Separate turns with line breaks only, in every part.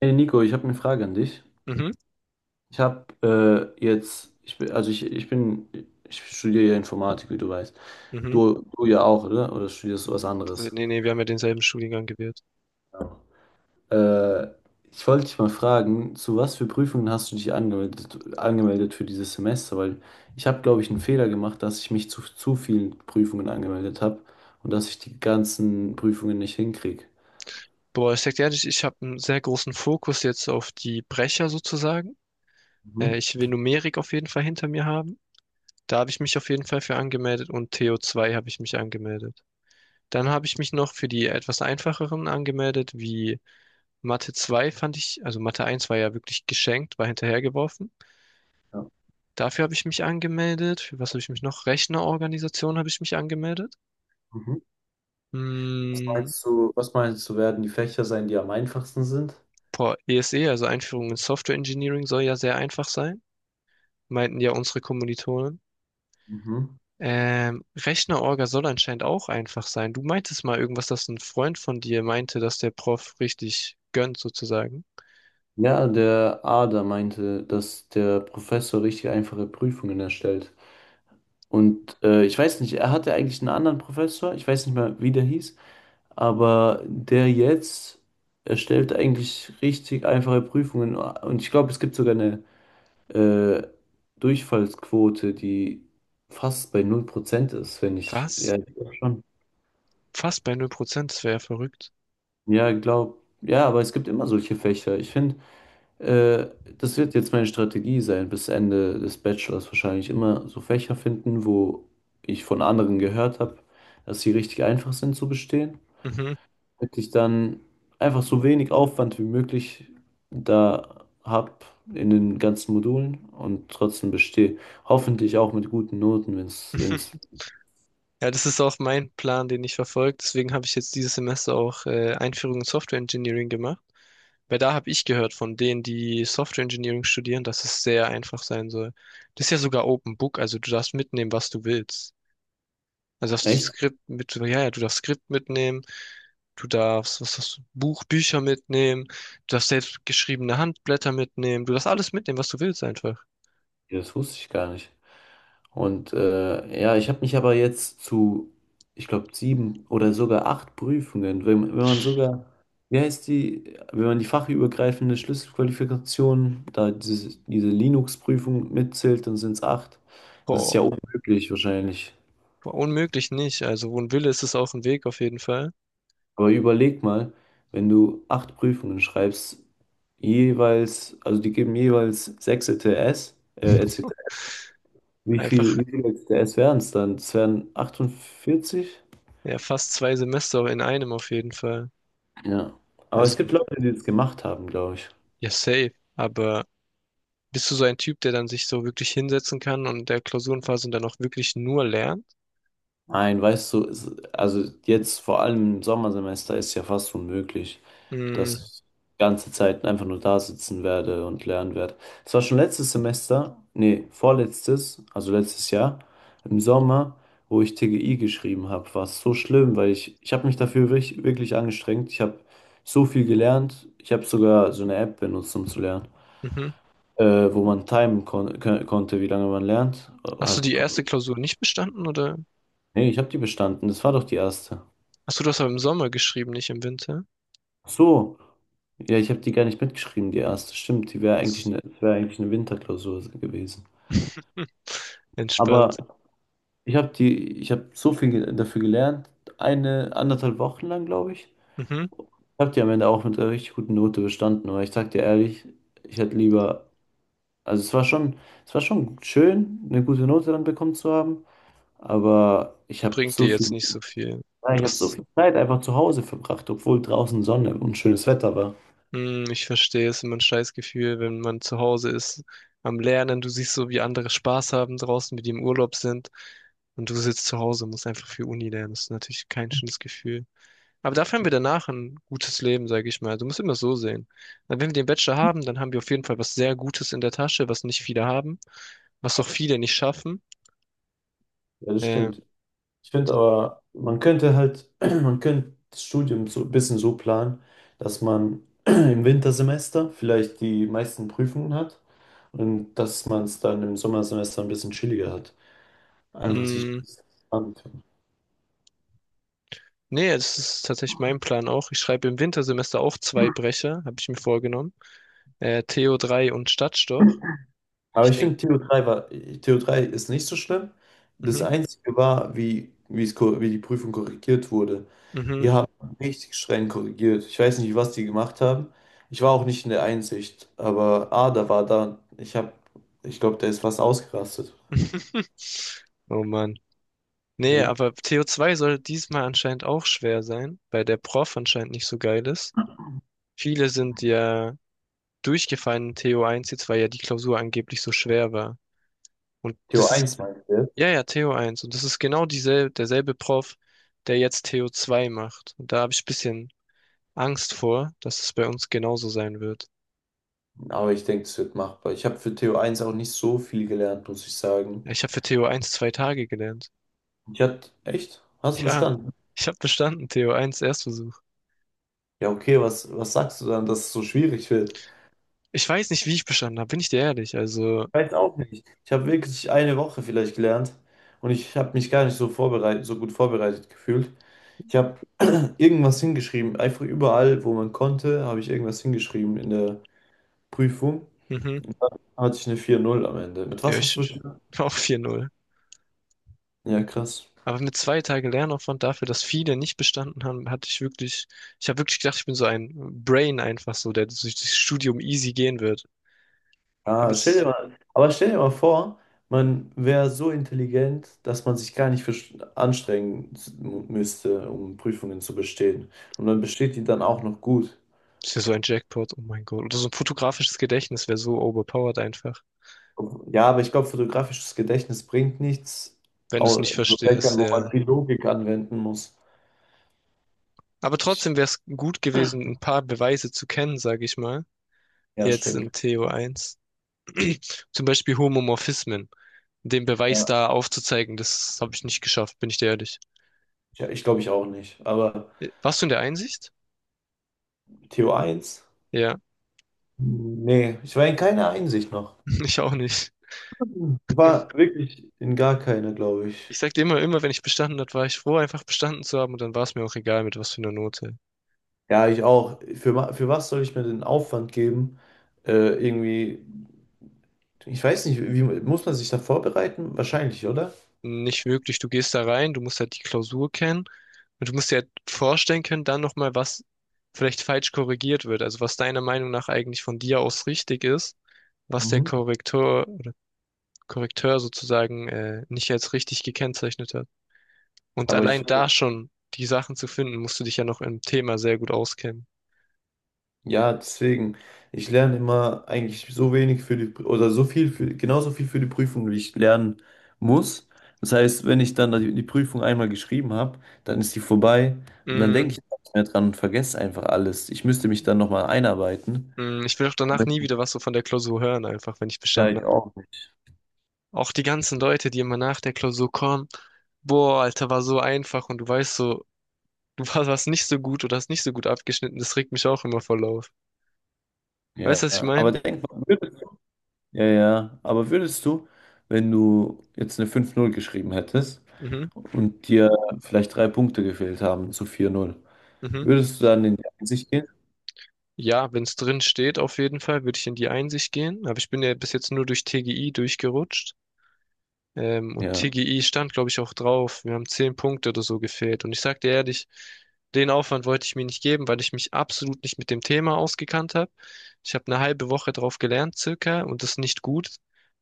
Hey Nico, ich habe eine Frage an dich.
Mhm,
Ich bin, also ich bin, ich studiere ja Informatik, wie du weißt.
mhm.
Du ja auch, oder? Oder studierst du was anderes?
Nee, nee, wir haben ja denselben Studiengang gewählt.
Ja. Äh, Ich wollte dich mal fragen, zu was für Prüfungen hast du dich angemeldet für dieses Semester? Weil ich habe, glaube ich, einen Fehler gemacht, dass ich mich zu vielen Prüfungen angemeldet habe und dass ich die ganzen Prüfungen nicht hinkriege.
Boah, ich sag dir ehrlich, ich habe einen sehr großen Fokus jetzt auf die Brecher sozusagen. Äh,
Mhm.
ich will Numerik auf jeden Fall hinter mir haben. Da habe ich mich auf jeden Fall für angemeldet und TO2 habe ich mich angemeldet. Dann habe ich mich noch für die etwas einfacheren angemeldet, wie Mathe 2 fand ich, also Mathe 1 war ja wirklich geschenkt, war hinterhergeworfen.
Ja.
Dafür habe ich mich angemeldet. Für was habe ich mich noch? Rechnerorganisation habe ich mich angemeldet.
Mhm. Was
Hm,
meinst du, was meinst du, werden die Fächer sein, die am einfachsten sind?
Boah, ESE, also Einführung in Software Engineering, soll ja sehr einfach sein, meinten ja unsere Kommilitonen.
Mhm.
Rechner-Orga soll anscheinend auch einfach sein. Du meintest mal irgendwas, dass ein Freund von dir meinte, dass der Prof richtig gönnt, sozusagen.
Ja, der Ader meinte, dass der Professor richtig einfache Prüfungen erstellt. Und ich weiß nicht, er hatte eigentlich einen anderen Professor, ich weiß nicht mehr, wie der hieß, aber der jetzt erstellt eigentlich richtig einfache Prüfungen. Und ich glaube, es gibt sogar eine äh, Durchfallsquote, die fast bei 0% ist, wenn ich, ja,
Was?
ich glaub schon.
Fast bei 0%. Das wäre ja verrückt.
Ja, glaub, ja, aber es gibt immer solche Fächer. Ich finde, Äh, das wird jetzt meine Strategie sein, bis Ende des Bachelors wahrscheinlich immer so Fächer finden, wo ich von anderen gehört habe, dass sie richtig einfach sind zu bestehen,
Mhm.
damit ich dann einfach so wenig Aufwand wie möglich da habe in den ganzen Modulen und trotzdem bestehe. Hoffentlich auch mit guten Noten, wenn es.
Ja, das ist auch mein Plan, den ich verfolge. Deswegen habe ich jetzt dieses Semester auch Einführung in Software Engineering gemacht. Weil da habe ich gehört von denen, die Software Engineering studieren, dass es sehr einfach sein soll. Das ist ja sogar Open Book, also du darfst mitnehmen, was du willst. Also darfst du die
Echt.
Skript mit, so, ja, ja, du darfst Skript mitnehmen, du darfst, was hast du, Buch, Bücher mitnehmen, du darfst selbst geschriebene Handblätter mitnehmen, du darfst alles mitnehmen, was du willst einfach.
Ja, das wusste ich gar nicht. Und ja, ich habe mich aber jetzt zu, ich glaube, sieben oder sogar acht Prüfungen, wenn man sogar, wie heißt die, wenn man die fachübergreifende Schlüsselqualifikation, da diese Linux-Prüfung mitzählt, dann sind es acht. Das ist ja
Boah,
unmöglich wahrscheinlich.
boah, unmöglich nicht. Also wo ein Wille ist, ist auch ein Weg auf jeden Fall.
Aber überleg mal, wenn du acht Prüfungen schreibst, jeweils, also die geben jeweils sechs E T S ECTS. Wie viel,
Einfach,
wie viel es wären es dann? Es wären 48?
ja, fast 2 Semester in einem auf jeden Fall.
Ja. Aber es
Also,
gibt Leute, die es gemacht haben, glaube ich.
ja, safe. Aber bist du so ein Typ, der dann sich so wirklich hinsetzen kann und der Klausurenphase dann auch wirklich nur lernt?
Nein, weißt du, also jetzt vor allem im Sommersemester ist ja fast unmöglich,
Mm,
dass ich ganze Zeit einfach nur da sitzen werde und lernen werde. Es war schon letztes Semester, nee, vorletztes, also letztes Jahr, im Sommer, wo ich TGI geschrieben habe, war es so schlimm, weil ich habe mich dafür wirklich, wirklich angestrengt. Ich habe so viel gelernt. Ich habe sogar so eine App benutzt, um zu lernen.
mhm.
Wo man timen konnte, wie lange man lernt.
Hast du die
Halt,
erste Klausur nicht bestanden oder?
nee, ich habe die bestanden. Das war doch die erste.
Hast du das aber im Sommer geschrieben, nicht im Winter?
Ach so, ja, ich habe die gar nicht mitgeschrieben, die erste. Stimmt, die wäre
Ach
eigentlich
so.
eine, wär eigentlich eine Winterklausur gewesen. Aber
Entspannt.
ich habe so viel dafür gelernt, eine anderthalb Wochen lang, glaube ich.
Mhm.
Ich habe die am Ende auch mit einer richtig guten Note bestanden, aber ich sag dir ehrlich, ich hätte lieber, also es war schon schön, eine gute Note dann bekommen zu haben, aber ich habe
Bringt dir
so
jetzt
viel.
nicht so viel.
Ja,
Und
ich
du
habe so
hast.
viel Zeit einfach zu Hause verbracht, obwohl draußen Sonne und schönes Wetter war.
Mm, ich verstehe, es ist immer ein scheiß Gefühl, wenn man zu Hause ist am Lernen. Du siehst so, wie andere Spaß haben draußen, wie die im Urlaub sind. Und du sitzt zu Hause und musst einfach für Uni lernen. Das ist natürlich kein schönes Gefühl. Aber dafür haben wir danach ein gutes Leben, sage ich mal. Du musst immer so sehen. Wenn wir den Bachelor haben, dann haben wir auf jeden Fall was sehr Gutes in der Tasche, was nicht viele haben, was auch viele nicht schaffen.
Ja, das
Äh,
stimmt. Ich finde aber, man könnte halt, man könnte das Studium so ein bisschen so planen, dass man im Wintersemester vielleicht die meisten Prüfungen hat und dass man es dann im Sommersemester ein bisschen chilliger hat. Einfach sich
mh,
entspannen.
nee, das ist tatsächlich mein Plan auch. Ich schreibe im Wintersemester auch zwei Brecher, habe ich mir vorgenommen. Theo 3 und Stadtstoch.
Aber
Ich
ich
denke,
finde, Theo 3 war, Theo 3 ist nicht so schlimm. Das
mhm,
Einzige war, wie die Prüfung korrigiert wurde.
mhm.
Die haben richtig streng korrigiert. Ich weiß nicht, was die gemacht haben. Ich war auch nicht in der Einsicht, aber Ada war da. Ich glaube, der ist fast ausgerastet.
Oh Mann. Nee,
Ja.
aber Theo 2 soll diesmal anscheinend auch schwer sein, weil der Prof anscheinend nicht so geil ist. Viele sind ja durchgefallen in TO1 jetzt, weil ja die Klausur angeblich so schwer war. Und
Theo
das ist,
1 meinte er.
ja, ja, TO1. Und das ist genau dieselbe, derselbe Prof, der jetzt TO2 macht. Und da habe ich ein bisschen Angst vor, dass es bei uns genauso sein wird.
Aber ich denke, es wird machbar. Ich habe für Theo 1 auch nicht so viel gelernt, muss ich sagen.
Ja, ich habe für TO1 2 Tage gelernt.
Echt? Hast du
Ja,
bestanden?
ich habe bestanden, TO1 Erstversuch.
Ja, okay, was sagst du dann, dass es so schwierig wird?
Ich weiß nicht, wie ich bestanden habe, bin ich dir ehrlich. Also,
Weiß auch nicht. Ich habe wirklich eine Woche vielleicht gelernt und ich habe mich gar nicht so gut vorbereitet gefühlt. Ich habe irgendwas hingeschrieben, einfach überall, wo man konnte, habe ich irgendwas hingeschrieben in der Prüfung.
mhm,
Hatte ich eine 4,0 am Ende. Mit
ja,
was hast du bestanden?
auch 4,0.
Ja, krass.
Aber mit 2 Tage Lernaufwand dafür, dass viele nicht bestanden haben, hatte ich wirklich, ich habe wirklich gedacht, ich bin so ein Brain einfach so, der durch das Studium easy gehen wird. Aber
Ah, stell dir
jetzt
mal, aber stell dir mal vor, man wäre so intelligent, dass man sich gar nicht anstrengen müsste, um Prüfungen zu bestehen. Und man besteht die dann auch noch gut.
ist ja so ein Jackpot, oh mein Gott. Oder so ein fotografisches Gedächtnis wäre so overpowered einfach,
Ja, aber ich glaube, fotografisches Gedächtnis bringt nichts
wenn du es nicht
in so
verstehst,
Fächern, wo
ja.
man viel Logik anwenden muss.
Aber
Ich,
trotzdem wäre es gut gewesen, ein paar Beweise zu kennen, sage ich mal.
ja,
Jetzt
stimmt.
in TO1. Zum Beispiel Homomorphismen. Den Beweis
Ja,
da aufzuzeigen, das habe ich nicht geschafft, bin ich dir ehrlich.
ja, ich glaube, ich auch nicht. Aber
Warst du in der Einsicht?
Theo 1?
Ja,
Nee, ich war in keiner Einsicht noch.
ich auch nicht.
Ich war wirklich in gar keiner, glaube ich.
Ich sag dir immer, immer, wenn ich bestanden hat, war ich froh, einfach bestanden zu haben, und dann war es mir auch egal, mit was für einer Note.
Ja, ich auch. Für was soll ich mir den Aufwand geben? Äh, irgendwie, ich weiß nicht, wie muss man sich da vorbereiten? Wahrscheinlich, oder?
Nicht wirklich, du gehst da rein, du musst halt die Klausur kennen und du musst dir halt vorstellen können, dann nochmal, was vielleicht falsch korrigiert wird, also was deiner Meinung nach eigentlich von dir aus richtig ist, was der
Mhm.
Korrektor, Korrekteur sozusagen nicht als richtig gekennzeichnet hat. Und
Aber ich,
allein da schon die Sachen zu finden, musst du dich ja noch im Thema sehr gut auskennen.
Ja deswegen, ich lerne immer eigentlich so wenig für die, oder so viel für, genauso viel für die Prüfung, wie ich lernen muss. Das heißt, wenn ich dann die Prüfung einmal geschrieben habe, dann ist die vorbei und dann
Mm,
denke ich nicht mehr dran und vergesse einfach alles. Ich müsste mich dann nochmal einarbeiten.
mm, ich will auch
Aber
danach nie
ich-
wieder was so von der Klausur hören, einfach, wenn ich
Ja,
bestanden
ich
habe.
auch nicht.
Auch die ganzen Leute, die immer nach der Klausur kommen, boah, Alter, war so einfach, und du weißt so, warst nicht so gut oder hast nicht so gut abgeschnitten, das regt mich auch immer voll auf. Weißt du,
Ja,
was ich meine?
aber denk mal, ja, ja, aber würdest du, wenn du jetzt eine 5,0 geschrieben hättest
Mhm,
und dir vielleicht 3 Punkte gefehlt haben zu 4,0,
mhm.
würdest du dann in die Einsicht gehen?
Ja, wenn es drin steht, auf jeden Fall, würde ich in die Einsicht gehen, aber ich bin ja bis jetzt nur durch TGI durchgerutscht. Und
Ja,
TGI stand, glaube ich, auch drauf. Wir haben 10 Punkte oder so gefehlt. Und ich sag dir ehrlich, den Aufwand wollte ich mir nicht geben, weil ich mich absolut nicht mit dem Thema ausgekannt habe. Ich habe eine halbe Woche drauf gelernt, circa, und das ist nicht gut.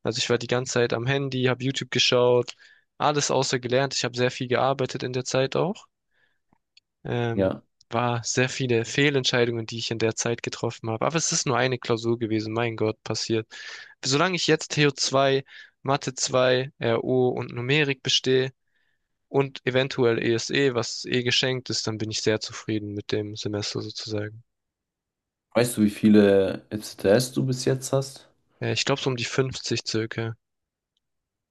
Also ich war die ganze Zeit am Handy, habe YouTube geschaut, alles außer gelernt. Ich habe sehr viel gearbeitet in der Zeit auch. Ähm,
ja.
war sehr viele Fehlentscheidungen, die ich in der Zeit getroffen habe. Aber es ist nur eine Klausur gewesen, mein Gott, passiert. Solange ich jetzt Theo 2, Mathe 2, RO und Numerik bestehe und eventuell ESE, was eh geschenkt ist, dann bin ich sehr zufrieden mit dem Semester sozusagen.
Weißt du, wie viele FCTS du bis jetzt hast?
Ich glaube so um die 50 circa.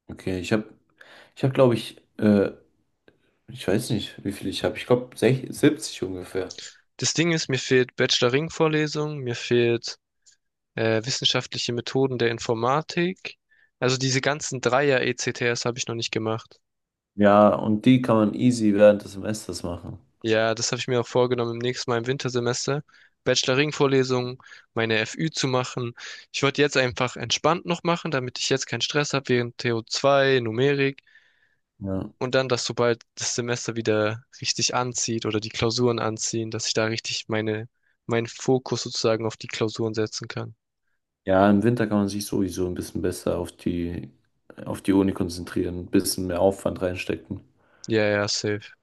Okay, ich habe, glaube ich, ich weiß nicht, wie viele ich habe. Ich glaube, 70 ungefähr.
Das Ding ist, mir fehlt Bachelor-Ring-Vorlesung, mir fehlt wissenschaftliche Methoden der Informatik. Also diese ganzen Dreier-ECTS habe ich noch nicht gemacht.
Ja, und die kann man easy während des Semesters machen.
Ja, das habe ich mir auch vorgenommen, im nächsten Mal im Wintersemester Bacheloring-Vorlesungen, meine FÜ zu machen. Ich wollte jetzt einfach entspannt noch machen, damit ich jetzt keinen Stress habe während TO2, Numerik,
Ja.
und dann, dass sobald das Semester wieder richtig anzieht oder die Klausuren anziehen, dass ich da richtig meine, meinen Fokus sozusagen auf die Klausuren setzen kann.
Ja, im Winter kann man sich sowieso ein bisschen besser auf die Uni konzentrieren, ein bisschen mehr Aufwand reinstecken.
Ja, ja, safe.